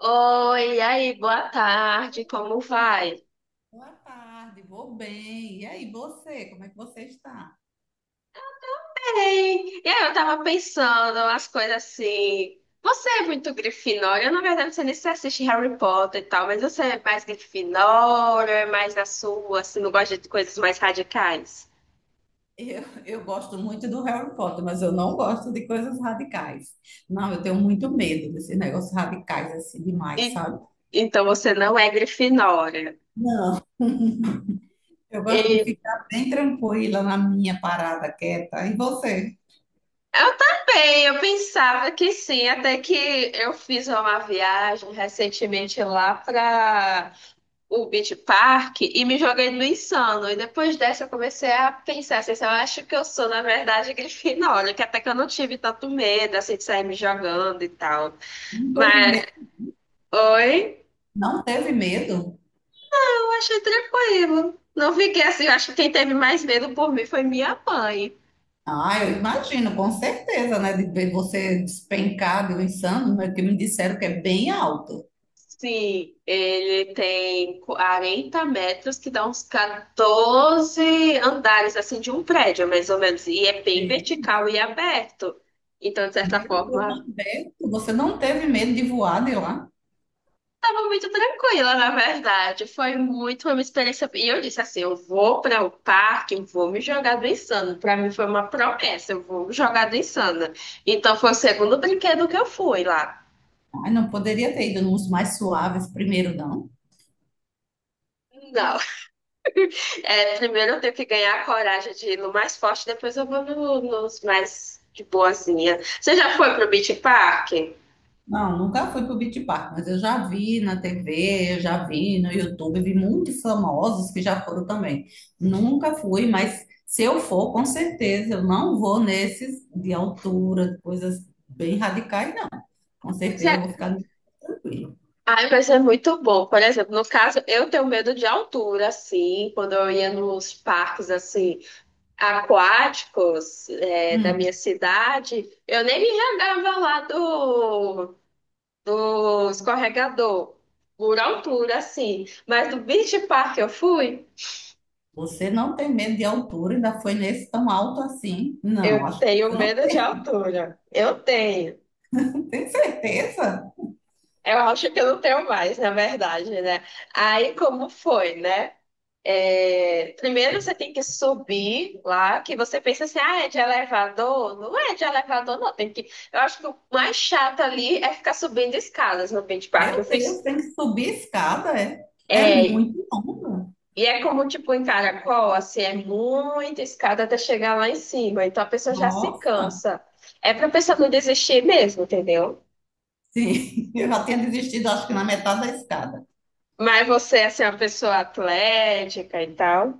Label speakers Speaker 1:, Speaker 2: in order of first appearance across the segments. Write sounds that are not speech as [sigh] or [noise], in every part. Speaker 1: Oi, e aí, boa tarde, como vai?
Speaker 2: Boa tarde, vou bem. E aí, você? Como é que você está?
Speaker 1: Ei, e aí, eu tava pensando umas coisas assim. Você é muito Grifinória, eu na verdade você nem se assiste Harry Potter e tal, mas você é mais Grifinória, é mais na sua, assim, não gosta de coisas mais radicais.
Speaker 2: Eu gosto muito do Harry Potter, mas eu não gosto de coisas radicais. Não, eu tenho muito medo desses negócios radicais assim demais,
Speaker 1: E,
Speaker 2: sabe?
Speaker 1: então você não é Grifinória.
Speaker 2: Não. Eu gosto de
Speaker 1: E
Speaker 2: ficar bem tranquila na minha parada quieta. E você?
Speaker 1: eu também, eu pensava que sim, até que eu fiz uma viagem recentemente lá para o Beach Park e me joguei no Insano. E depois dessa eu comecei a pensar assim, eu acho que eu sou, na verdade, [laughs] Grifinória, que até que eu não tive tanto medo assim de sair me jogando e tal.
Speaker 2: Não teve
Speaker 1: Mas,
Speaker 2: medo?
Speaker 1: oi,
Speaker 2: Não teve medo?
Speaker 1: eu achei tranquilo. Não fiquei assim, eu acho que quem teve mais medo por mim foi minha mãe.
Speaker 2: Ah, eu imagino, com certeza, né? De ver você despencado, insano, né, que me disseram que é bem alto.
Speaker 1: Sim, ele tem 40 metros, que dá uns 14 andares assim de um prédio, mais ou menos. E é bem
Speaker 2: Sim.
Speaker 1: vertical e aberto. Então, de certa
Speaker 2: Meu Deus,
Speaker 1: forma,
Speaker 2: mas Beto, você não teve medo de voar de lá?
Speaker 1: tava muito tranquila, na verdade. Foi muito uma experiência. E eu disse assim: eu vou para o parque, eu vou me jogar do insano. Para mim foi uma promessa, eu vou me jogar do insano. Então foi o segundo brinquedo que eu fui lá.
Speaker 2: Ai, não poderia ter ido nos mais suaves primeiro, não?
Speaker 1: Não, é, primeiro eu tenho que ganhar a coragem de ir no mais forte, depois eu vou nos mais de boazinha. Você já foi pro Beach Park?
Speaker 2: Não, nunca fui pro o Beach Park, mas eu já vi na TV, eu já vi no YouTube, vi muitos famosos que já foram também. Nunca fui, mas se eu for, com certeza, eu não vou nesses de altura, coisas bem radicais, com
Speaker 1: Mas
Speaker 2: certeza eu
Speaker 1: é-
Speaker 2: vou ficar tranquilo.
Speaker 1: Ai, mas é muito bom. Por exemplo, no caso, eu tenho medo de altura, assim, quando eu ia nos parques, assim, aquáticos é, da minha
Speaker 2: Hum,
Speaker 1: cidade, eu nem me jogava lá do, do escorregador, por altura, assim. Mas do beach park que eu fui,
Speaker 2: Você não tem medo de altura, ainda foi nesse tão alto assim? Não,
Speaker 1: eu
Speaker 2: acho que
Speaker 1: tenho
Speaker 2: você não
Speaker 1: medo de altura. Eu tenho.
Speaker 2: tem. Tem certeza.
Speaker 1: Eu acho que eu não tenho mais, na verdade, né? Aí como foi, né? É, primeiro você tem que subir lá, que você pensa assim, ah, é de elevador? Não é de elevador, não. Tem que... Eu acho que o mais chato ali é ficar subindo escadas no Beach Park. Eu
Speaker 2: Meu
Speaker 1: fiz.
Speaker 2: Deus, tem que subir a escada, é? É
Speaker 1: É,
Speaker 2: muito longa.
Speaker 1: e é como tipo em Caracol, assim, é muita escada até chegar lá em cima. Então a pessoa já se
Speaker 2: Nossa,
Speaker 1: cansa. É pra pessoa não desistir mesmo, entendeu?
Speaker 2: sim, [laughs] eu já tinha desistido, acho que na metade da escada.
Speaker 1: Mas você, assim, é uma pessoa atlética e tal.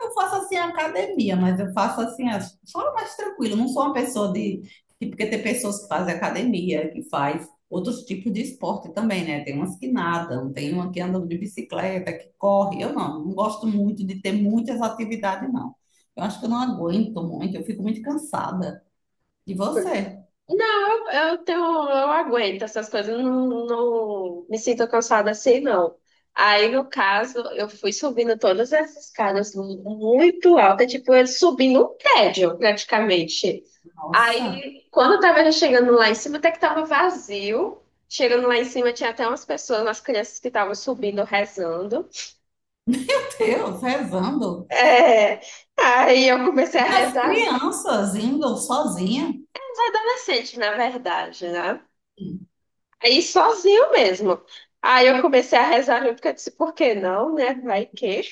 Speaker 2: Eu faço assim academia, mas eu faço assim, só mais tranquilo. Eu não sou uma pessoa de. Porque tem pessoas que fazem academia, que faz outros tipos de esporte também, né? Tem umas que nadam, tem uma que anda de bicicleta, que corre. Eu não, não gosto muito de ter muitas atividades, não. Eu acho que eu não aguento muito, eu fico muito cansada. E você?
Speaker 1: Não, eu tenho, eu aguento essas coisas, eu não, não me sinto cansada assim, não. Aí, no caso, eu fui subindo todas essas escadas muito alta, tipo, eu subindo um prédio, praticamente.
Speaker 2: Nossa,
Speaker 1: Aí, quando eu tava já chegando lá em cima, até que tava vazio. Chegando lá em cima, tinha até umas pessoas, umas crianças que estavam subindo, rezando.
Speaker 2: Deus, rezando.
Speaker 1: É, aí eu comecei a
Speaker 2: E as
Speaker 1: rezar,
Speaker 2: crianças indo sozinha.
Speaker 1: adolescente, na verdade, né? Aí sozinho mesmo. Aí eu comecei a rezar junto, porque eu disse, por que não, né? Vai que.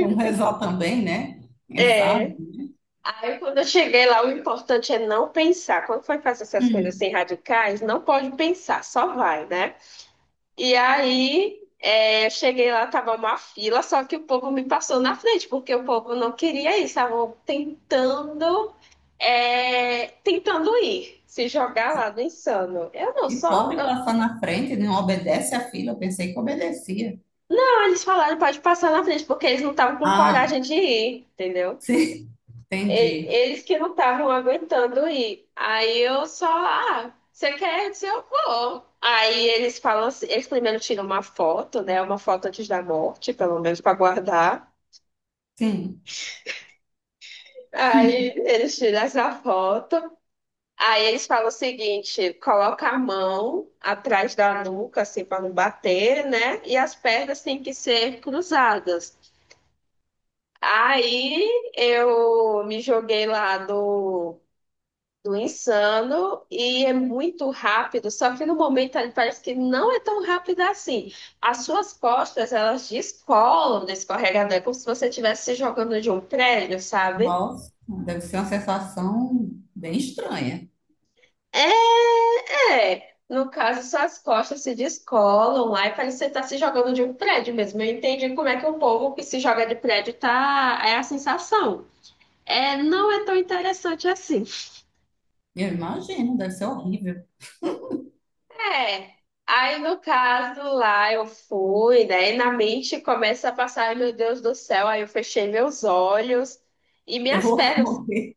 Speaker 2: Vamos rezar também, né? Quem sabe?
Speaker 1: É. Aí quando eu cheguei lá, o importante é não pensar. Quando for fazer essas coisas assim radicais, não pode pensar, só vai, né? E aí é, eu cheguei lá, tava uma fila, só que o povo me passou na frente, porque o povo não queria ir, estavam tentando, é, tentando ir, se jogar lá no insano. Eu não,
Speaker 2: E
Speaker 1: só.
Speaker 2: pode passar na frente, não obedece à fila. Eu pensei que obedecia.
Speaker 1: Eles falaram, pode passar na frente, porque eles não estavam com
Speaker 2: Ah,
Speaker 1: coragem de ir, entendeu?
Speaker 2: sim, [laughs] entendi.
Speaker 1: E- Eles que não estavam aguentando ir. Aí eu só, ah, você quer? Eu disse, eu vou. Aí eles falam assim, eles primeiro tiram uma foto, né? Uma foto antes da morte, pelo menos para guardar.
Speaker 2: Sim.
Speaker 1: Aí eles tiram essa foto. Aí eles falam o seguinte: coloca a mão atrás da nuca, assim, para não bater, né? E as pernas têm que ser cruzadas. Aí eu me joguei lá do Insano e é muito rápido, só que no momento ali parece que não é tão rápido assim. As suas costas, elas descolam do escorregador, é como se você estivesse se jogando de um prédio, sabe?
Speaker 2: Nossa, deve ser uma sensação bem estranha.
Speaker 1: É, no caso, suas costas se descolam lá e parece que você tá se jogando de um prédio mesmo. Eu entendi como é que o povo que se joga de prédio tá, é a sensação. É, não é tão interessante assim.
Speaker 2: Eu imagino, deve ser horrível.
Speaker 1: É. Aí, no caso, lá eu fui, né? E na mente começa a passar, "Ai, meu Deus do céu. Aí eu fechei meus olhos e
Speaker 2: Eu
Speaker 1: minhas
Speaker 2: vou [laughs]
Speaker 1: pernas.
Speaker 2: morrer,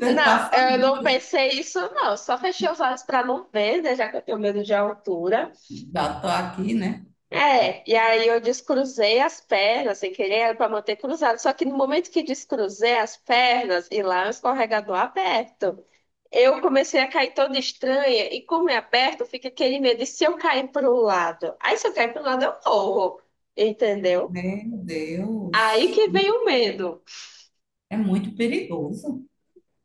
Speaker 2: deve
Speaker 1: Não,
Speaker 2: passar.
Speaker 1: eu não pensei isso, não. Eu só fechei os olhos para não ver, né? Já que eu tenho medo de altura.
Speaker 2: Já tô aqui, né?
Speaker 1: É, e aí eu descruzei as pernas sem querer, era para manter cruzado. Só que no momento que descruzei as pernas, e lá é um escorregador aberto. Eu comecei a cair toda estranha e como é aberto, fica aquele medo de se eu cair para um lado. Aí se eu cair para um lado, eu morro, entendeu?
Speaker 2: Meu
Speaker 1: Aí
Speaker 2: Deus,
Speaker 1: que vem o medo.
Speaker 2: é muito perigoso.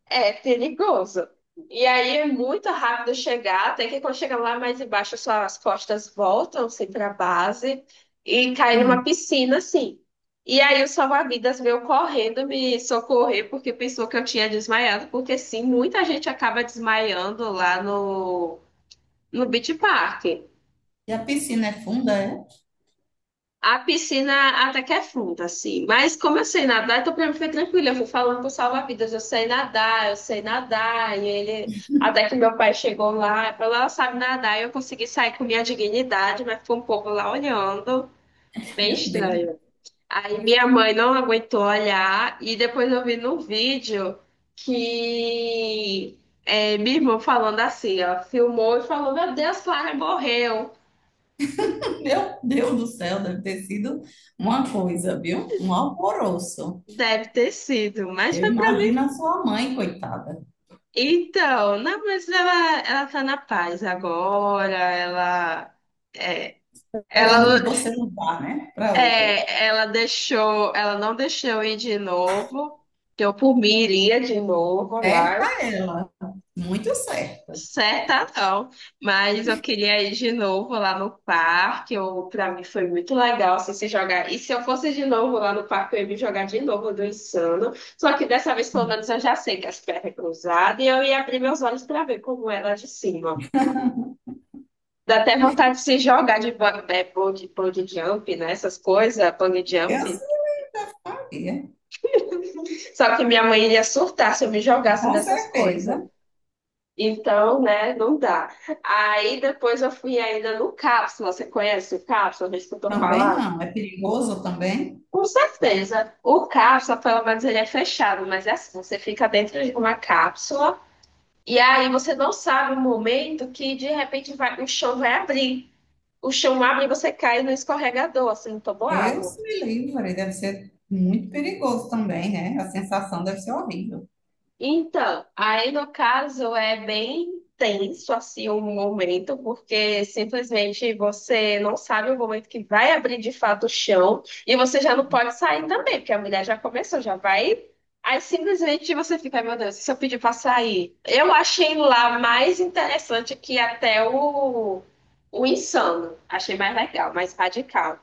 Speaker 1: É perigoso. E aí é muito rápido chegar, até que quando chega lá mais embaixo, suas costas voltam assim para a base e cai numa
Speaker 2: Hum.
Speaker 1: piscina assim. E aí o salva-vidas veio correndo me socorrer porque pensou que eu tinha desmaiado, porque sim, muita gente acaba desmaiando lá no Beach Park.
Speaker 2: E a piscina é funda, é?
Speaker 1: A piscina até que é funda, assim. Mas como eu sei nadar, então pra mim foi tranquilo. Eu fui falando pro salva-vidas, eu sei nadar, eu sei nadar. E ele, até que meu pai chegou lá, falou, ela sabe nadar. E eu consegui sair com minha dignidade, mas ficou um povo lá olhando. Bem
Speaker 2: Meu Deus,
Speaker 1: estranho. Aí minha mãe não aguentou olhar. E depois eu vi no vídeo que é, minha irmã falando assim, ó. Filmou e falou, meu Deus, Clara morreu.
Speaker 2: [laughs] meu Deus do céu, deve ter sido uma coisa, viu? Um alvoroço.
Speaker 1: Deve ter sido, mas
Speaker 2: Eu
Speaker 1: foi pra
Speaker 2: imagino a sua mãe, coitada,
Speaker 1: então, não, mas ela tá na paz agora, ela, é,
Speaker 2: esperando
Speaker 1: ela,
Speaker 2: que você não vá, né, para outra.
Speaker 1: é, ela deixou, ela não deixou eu ir de novo, que eu por mim iria de novo
Speaker 2: Certa
Speaker 1: lá,
Speaker 2: ela, muito certa.
Speaker 1: certa não, mas eu queria ir de novo lá no parque, eu, pra mim foi muito legal assim, se jogar, e se eu fosse de novo lá no parque, eu ia me jogar de novo do Insano, só que dessa vez pelo menos eu já sei que as pernas cruzadas, e eu ia abrir meus olhos pra ver como era de cima. Dá até vontade de se jogar de bungee, bungee jump, né? Essas coisas, bungee
Speaker 2: Eu
Speaker 1: jump.
Speaker 2: sabia,
Speaker 1: Só que minha mãe ia surtar se eu me jogasse
Speaker 2: com
Speaker 1: dessas coisas.
Speaker 2: certeza.
Speaker 1: Então, né, não dá. Aí depois eu fui ainda no Cápsula. Você conhece o Cápsula? Já escutou
Speaker 2: Também
Speaker 1: falar?
Speaker 2: não, é perigoso também.
Speaker 1: Com certeza. O Cápsula, pelo menos, ele é fechado, mas é assim, você fica dentro de uma cápsula e aí você não sabe o momento que de repente vai, o chão vai abrir. O chão abre e você cai no escorregador, assim, no toboágua.
Speaker 2: Deus me livre, deve ser muito perigoso também, né? A sensação deve ser horrível.
Speaker 1: Então, aí no caso é bem tenso assim o momento, porque simplesmente você não sabe o momento que vai abrir de fato o chão e você já não pode sair também, porque a mulher já começou, já vai. Aí simplesmente você fica, meu Deus, e se eu pedir para sair? Eu achei lá mais interessante que até o insano. Achei mais legal, mais radical.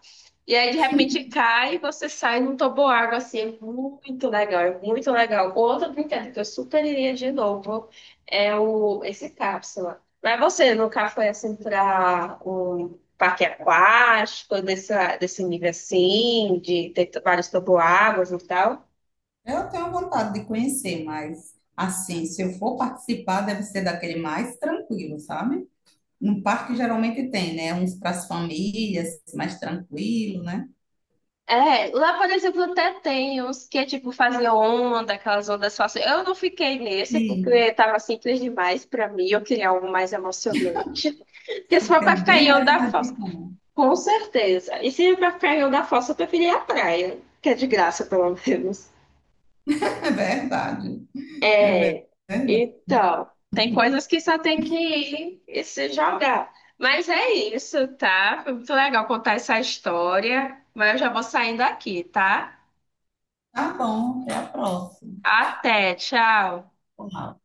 Speaker 1: E aí, de repente, cai e você sai num toboágua, assim, é muito legal, é muito legal. Outro brinquedo que eu super iria de novo é o, esse cápsula. Mas você nunca foi, assim, para um parque aquático, desse, desse nível, assim, de ter vários toboáguas e tal?
Speaker 2: Eu tenho vontade de conhecer, mas assim, se eu for participar, deve ser daquele mais tranquilo, sabe? No parque geralmente tem, né? Uns para as famílias, mais tranquilo, né?
Speaker 1: É, lá, por exemplo, até tem uns que, tipo, faziam onda, aquelas ondas falsas. Eu não fiquei nesse
Speaker 2: Sim,
Speaker 1: porque tava simples demais pra mim, eu queria algo mais emocionante. Porque se
Speaker 2: você
Speaker 1: for
Speaker 2: é
Speaker 1: pra ficar
Speaker 2: bem
Speaker 1: em
Speaker 2: mais
Speaker 1: onda falsa,
Speaker 2: radical.
Speaker 1: com certeza. E se for pra ficar em onda falsa, eu preferia a praia, que é de graça, pelo menos.
Speaker 2: É verdade. É
Speaker 1: É,
Speaker 2: verdade.
Speaker 1: então, tem coisas que só tem que ir e se jogar. Mas é isso, tá? Foi muito legal contar essa história, mas eu já vou saindo aqui, tá?
Speaker 2: Tá bom, até a próxima.
Speaker 1: Até, tchau!
Speaker 2: Olá.